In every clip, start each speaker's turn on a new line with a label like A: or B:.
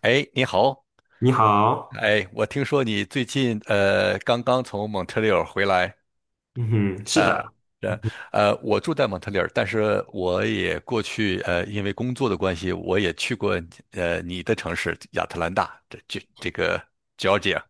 A: 哎，你好。
B: 你好。
A: 哎，我听说你最近刚刚从蒙特利尔回来。
B: 嗯哼，是
A: 呃，
B: 的。
A: 呃，我住在蒙特利尔，但是我也过去因为工作的关系，我也去过你的城市亚特兰大，这个 Georgia。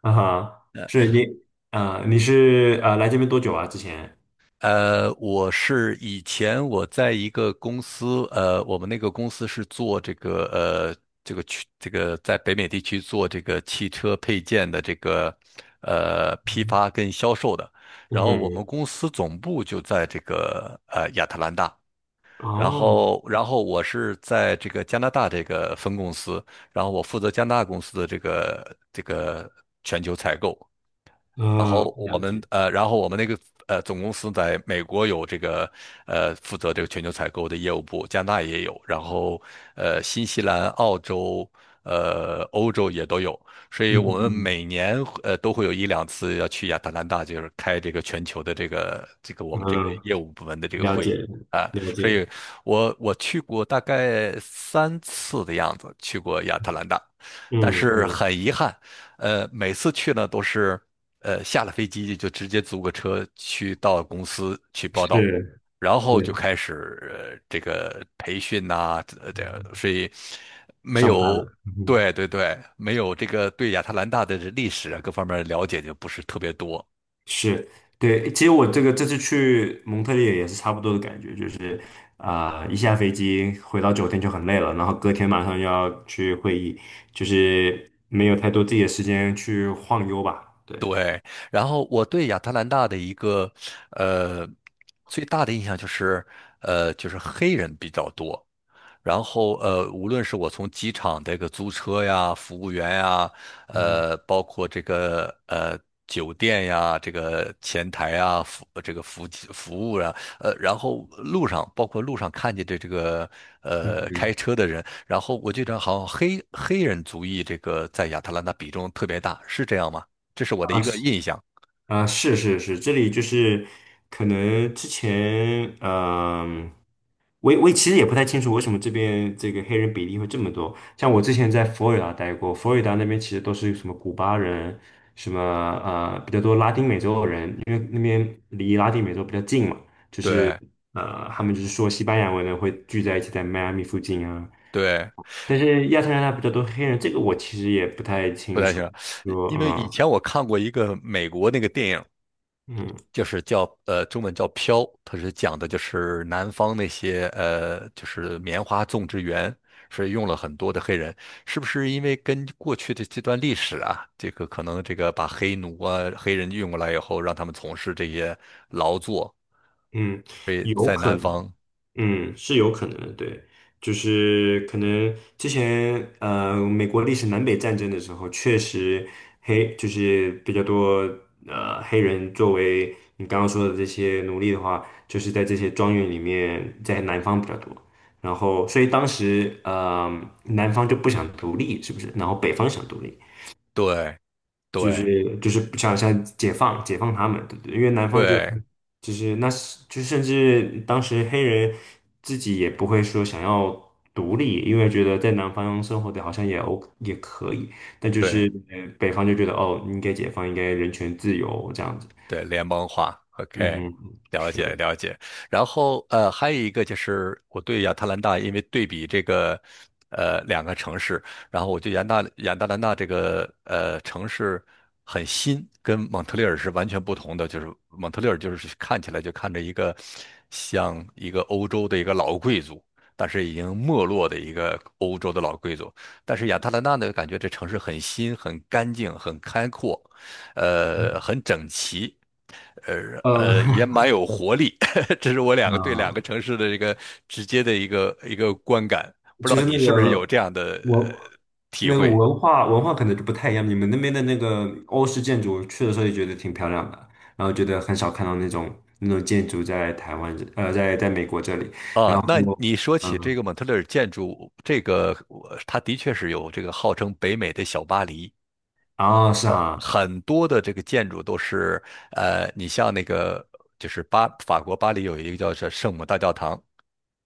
B: 啊哈，是你。啊，你是啊，来这边多久啊？之前？
A: 我是以前我在一个公司，我们那个公司是做这个这个区这个在北美地区做这个汽车配件的这个批
B: 嗯，
A: 发跟销售的。然
B: 嗯
A: 后我们
B: 哼。
A: 公司总部就在这个亚特兰大，然
B: 哦。
A: 后然后我是在这个加拿大这个分公司，然后我负责加拿大公司的这个全球采购。然
B: 嗯，
A: 后我
B: 了
A: 们
B: 解。
A: 然后我们那个总公司在美国有这个负责这个全球采购的业务部，加拿大也有，然后新西兰、澳洲、欧洲也都有。所以我
B: 嗯
A: 们
B: 嗯
A: 每年都会有一两次要去亚特兰大，就是开这个全球的这个我们这个
B: 嗯，
A: 业务部门的这个
B: 了
A: 会议。
B: 解
A: 啊，
B: 了
A: 所
B: 解。
A: 以我去过大概三次的样子，去过亚特兰大，但
B: 嗯
A: 是
B: 嗯，
A: 很遗憾，每次去呢都是。下了飞机就直接租个车去到公司去报
B: 是，
A: 道，然后就
B: 对。
A: 开始这个培训呐、这样，所以没
B: 上班
A: 有。
B: 了，嗯哼。
A: 对对对，没有这个对亚特兰大的这历史啊各方面了解就不是特别多。
B: 是，对，其实我这个这次去蒙特利尔也是差不多的感觉，就是一下飞机回到酒店就很累了，然后隔天马上又要去会议，就是没有太多自己的时间去晃悠吧。对，
A: 对，然后我对亚特兰大的一个呃最大的印象就是，就是黑人比较多。然后无论是我从机场这个租车呀、服务员呀，
B: 嗯
A: 包括这个酒店呀、这个前台呀、服这个服务服务啊，然后路上包括路上看见的这个
B: 嗯
A: 开
B: 嗯。
A: 车的人，然后我就觉得好像黑人族裔这个在亚特兰大比重特别大，是这样吗？这是我的
B: 啊
A: 一个
B: 是，
A: 印象。
B: 啊是是是，这里就是可能之前嗯。我也其实也不太清楚为什么这边这个黑人比例会这么多。像我之前在佛罗里达待过，佛罗里达那边其实都是什么古巴人，什么比较多拉丁美洲人，因为那边离拉丁美洲比较近嘛，就是
A: 对
B: 他们就是说西班牙文的会聚在一起在迈阿密附近啊。
A: 对，
B: 但是亚特兰大比较多黑人，这个我其实也不太
A: 不
B: 清
A: 太
B: 楚。
A: 清楚，
B: 说
A: 因为以
B: 嗯
A: 前我看过一个美国那个电影，
B: 嗯
A: 就是叫中文叫《飘》，它是讲的就是南方那些就是棉花种植园，是用了很多的黑人，是不是因为跟过去的这段历史啊，这个可能这个把黑奴啊黑人运过来以后，让他们从事这些劳作，
B: 嗯，
A: 所以
B: 有
A: 在
B: 可
A: 南
B: 能。
A: 方，
B: 嗯，是有可能的，对，就是可能之前,美国历史南北战争的时候，确实黑就是比较多呃黑人作为你刚刚说的这些奴隶的话，就是在这些庄园里面，在南方比较多，然后所以当时南方就不想独立，是不是？然后北方想独立，
A: 对
B: 就
A: 对
B: 是不想解放他们，对不对？因为南方就
A: 对
B: 就是那是就甚至当时黑人自己也不会说想要独立，因为觉得在南方生活的好像也 O 也可以，但就
A: 对。
B: 是北方就觉得哦，应该解放，应该人权自由这样子。
A: 对，联邦化
B: 嗯
A: ，OK,
B: 哼，
A: 了解了解。然后还有一个就是我对亚特兰大，因为对比这个两个城市，然后我对亚特兰大这个城市很新，跟蒙特利尔是完全不同的。就是蒙特利尔就是看起来就看着一个像一个欧洲的一个老贵族，但是已经没落的一个欧洲的老贵族。但是亚特兰大呢，感觉这城市很新、很干净、很开阔。很整齐，
B: 呃
A: 也蛮 有活力。这是我两个对两个
B: 啊，
A: 城市的一个直接的一个观感，不知
B: 就
A: 道
B: 是
A: 你是不是有这样的
B: 文
A: 体
B: 那个
A: 会
B: 文化可能就不太一样，你们那边的那个欧式建筑，去的时候也觉得挺漂亮的，然后觉得很少看到那种那种建筑在台湾这在在美国这里，
A: 啊？
B: 然后。
A: 那你说起这
B: 嗯，
A: 个蒙特利尔建筑，这个我它的确是有这个号称北美的小巴黎，
B: 哦，是哈。
A: 很多的这个建筑都是你像那个就是法国巴黎有一个叫是圣母大教堂。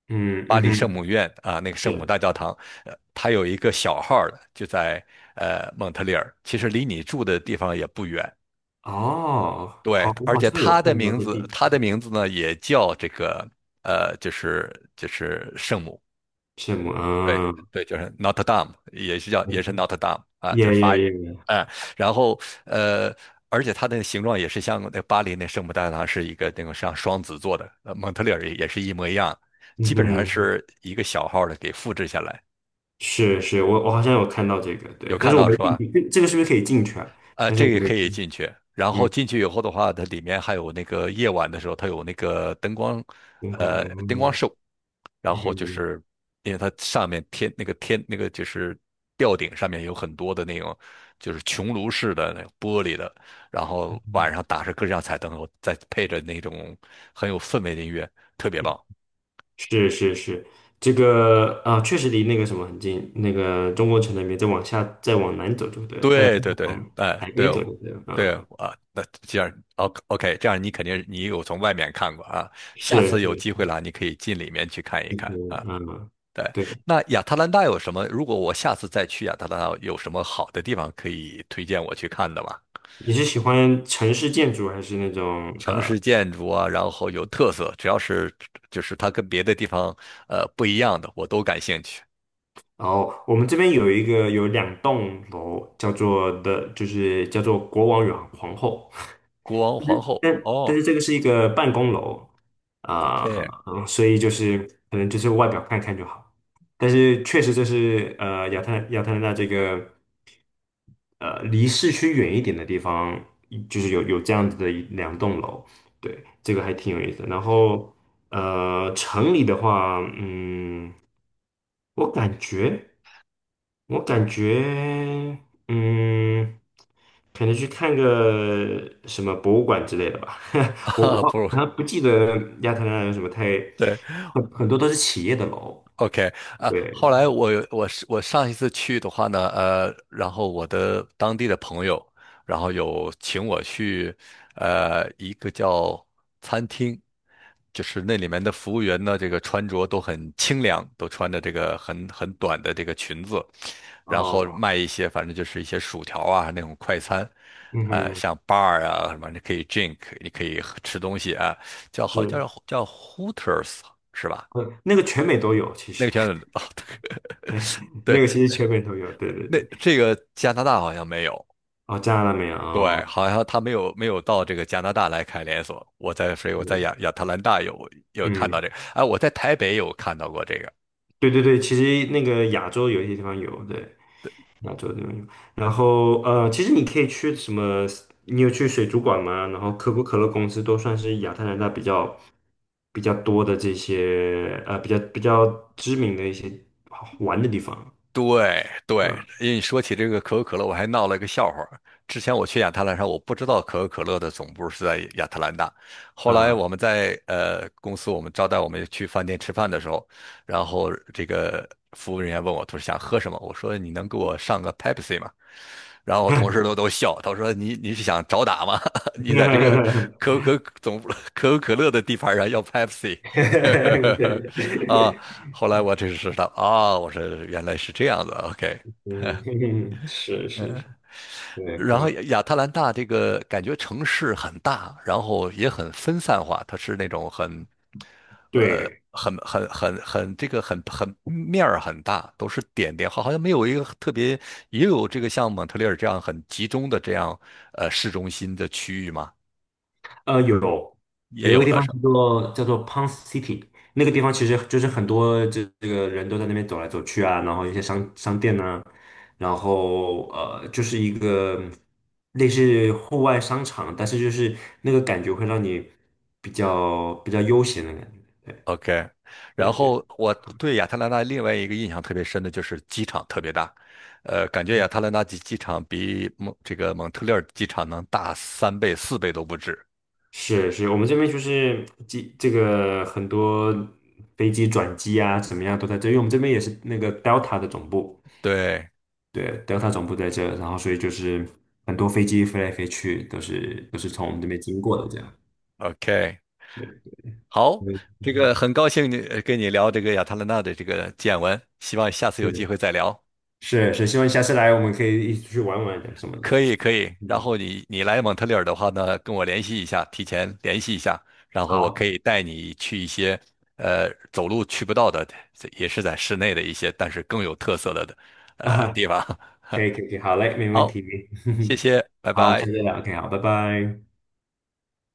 B: 嗯，
A: 巴
B: 嗯
A: 黎圣
B: 哼。
A: 母院啊，那个圣母
B: 是
A: 大教堂，它有一个小号儿的，就在蒙特利尔，其实离你住的地方也不远。
B: 哦，好，
A: 对，
B: 我
A: 而
B: 好
A: 且
B: 像有
A: 它的
B: 看到
A: 名
B: 这地
A: 字，它
B: 图
A: 的
B: 上。
A: 名字呢也叫这个就是圣母，
B: 什么，
A: 对
B: 嗯。
A: 对，就是 Notre Dame,也是叫也是 Notre Dame 啊，
B: 耶
A: 就是法语。
B: 耶耶，
A: 嗯，然后而且它的形状也是像那巴黎那圣母大教堂是一个那种像双子座的，蒙特利尔也是一模一样，
B: 嗯
A: 基本上
B: 哼。
A: 是一个小号的给复制下来。
B: 是是，我好像有看到这个，对，
A: 有
B: 但
A: 看
B: 是我
A: 到
B: 没
A: 是
B: 进
A: 吧？
B: 去，这个是不是可以进去啊？
A: 啊、
B: 但是
A: 这
B: 我
A: 个
B: 没，
A: 可以进去。然后
B: 嗯，
A: 进去以后的话，它里面还有那个夜晚的时候，它有那个灯光，
B: 天空，
A: 灯光
B: 嗯，
A: 秀。然
B: 嗯
A: 后就
B: 哼。
A: 是因为它上面天那个天那个就是吊顶上面有很多的那种就是穹庐式的那种玻璃的，然后晚上打着各式各样彩灯，再配着那种很有氛围的音乐，特别棒。
B: 是是是，这个啊，确实离那个什么很近，那个中国城那边再往下，再往南走就对了。
A: 对对对，
B: 往
A: 哎、
B: 海
A: 对
B: 边走
A: 哦
B: 就对了，
A: 对
B: 嗯，
A: 啊，那这样，OK,这样你肯定你有从外面看过啊，下
B: 是
A: 次有
B: 是。
A: 机会了，你可以进里面去看一看
B: 是，
A: 啊。
B: 嗯。
A: 对，
B: 对。
A: 那亚特兰大有什么？如果我下次再去亚特兰大，有什么好的地方可以推荐我去看的吗？
B: 你是喜欢城市建筑还是那种？
A: 城市建筑啊，然后有特色，只要是就是它跟别的地方不一样的，我都感兴趣。
B: 然后我们这边有一个有两栋楼，叫做的，就是叫做国王与皇后。
A: 国王皇后，
B: 但但
A: 哦
B: 是这个是一个办公楼啊，
A: ，OK,
B: 嗯，所以就是可能就是外表看看就好，但是确实这是亚特兰大这个离市区远一点的地方，就是有这样子的一两栋楼，对，这个还挺有意思的。然后城里的话，嗯。我感觉，我感觉，嗯，可能去看个什么博物馆之类的吧。我
A: 啊，
B: 我
A: 不，
B: 好像不记得亚特兰大有什么太，
A: 对，
B: 很很多都是企业的楼。
A: OK。啊，后来
B: 对，
A: 我上一次去的话呢，然后我的当地的朋友，然后有请我去，一个叫餐厅，就是那里面的服务员呢，这个穿着都很清凉，都穿着这个很短的这个裙子，然后
B: 哦，
A: 卖一些反正就是一些薯条啊那种快餐，
B: 嗯哼。
A: 像 bar 啊什么，你可以 drink,你可以喝吃东西啊，叫好叫
B: 是，
A: 叫 Hooters 是吧？
B: 那个全美都有，其
A: 那
B: 实
A: 个拳啊，对，
B: 那个其实全美都有。对对
A: 那
B: 对，
A: 这个加拿大好像没有，
B: 哦，加拿大没有，哦。
A: 对，好像他没有到这个加拿大来开连锁。我在，所以我在
B: 是，
A: 亚特兰大有有看到
B: 嗯。
A: 这个，哎，我在台北有看到过这个，
B: 对对对，其实那个亚洲有一些地方有，对，亚洲地方有。然后其实你可以去什么？你有去水族馆吗？然后可口可乐公司都算是亚特兰大比较比较多的这些比较比较知名的一些好玩的地方。
A: 对对，
B: 嗯，
A: 因为你说起这个可口可乐，我还闹了一个笑话儿。之前我去亚特兰大，我不知道可口可乐的总部是在亚特兰大。后来
B: 啊，
A: 我们在公司，我们招待我们去饭店吃饭的时候，然后这个服务人员问我，他说想喝什么？我说你能给我上个 Pepsi 吗？然后我同事都笑，他说你是想找打吗？你在这个 可口可总部可口可乐的地盘上要 Pepsi,啊，
B: 对。
A: 后来我这是知道啊，我说原来是这样的，OK。
B: 嗯，是是是。对，
A: 然后
B: 可，
A: 亚特兰大这个感觉城市很大，然后也很分散化，它是那种很，
B: 对，
A: 很面儿很大，都是点点，好像没有一个特别，也有这个像蒙特利尔这样很集中的这样市中心的区域嘛，
B: 有，
A: 也
B: 有一个
A: 有
B: 地
A: 的。
B: 方
A: 是。
B: 叫做叫做 Pond City,那个地方其实就是很多这个人都在那边走来走去啊，然后一些商商店呢，然后就是一个类似户外商场，但是就是那个感觉会让你比较比较悠闲的感觉。
A: OK,
B: 对
A: 然
B: 对对，
A: 后我对亚特兰大另外一个印象特别深的就是机场特别大，感觉亚特兰大机场比蒙这个蒙特利尔机场能大三倍、四倍都不止。
B: 是是，我们这边就是机这个很多飞机转机啊，怎么样都在这，因为我们这边也是那个 Delta 的总部。
A: 对
B: 对，Delta 总部在这，然后所以就是很多飞机飞来飞去，都是从我们这边经过的这样。
A: ，OK,
B: 对。
A: 好，
B: 对，
A: 这
B: 嗯，
A: 个很高兴你跟你聊这个亚特兰大的这个见闻，希望下次有机
B: 是
A: 会再聊。
B: 是是希望你下次来我们可以一起出去玩玩什么的。
A: 可以可以，然
B: 嗯，
A: 后你来蒙特利尔的话呢，跟我联系一下，提前联系一下，然后我可
B: 好，
A: 以带你去一些走路去不到的，也是在室内的一些，但是更有特色的
B: 啊，
A: 地方。
B: 可以可以可以，好嘞，没问
A: 好，
B: 题。
A: 谢谢，拜
B: 好，下
A: 拜。
B: 次再聊，OK,好，拜拜。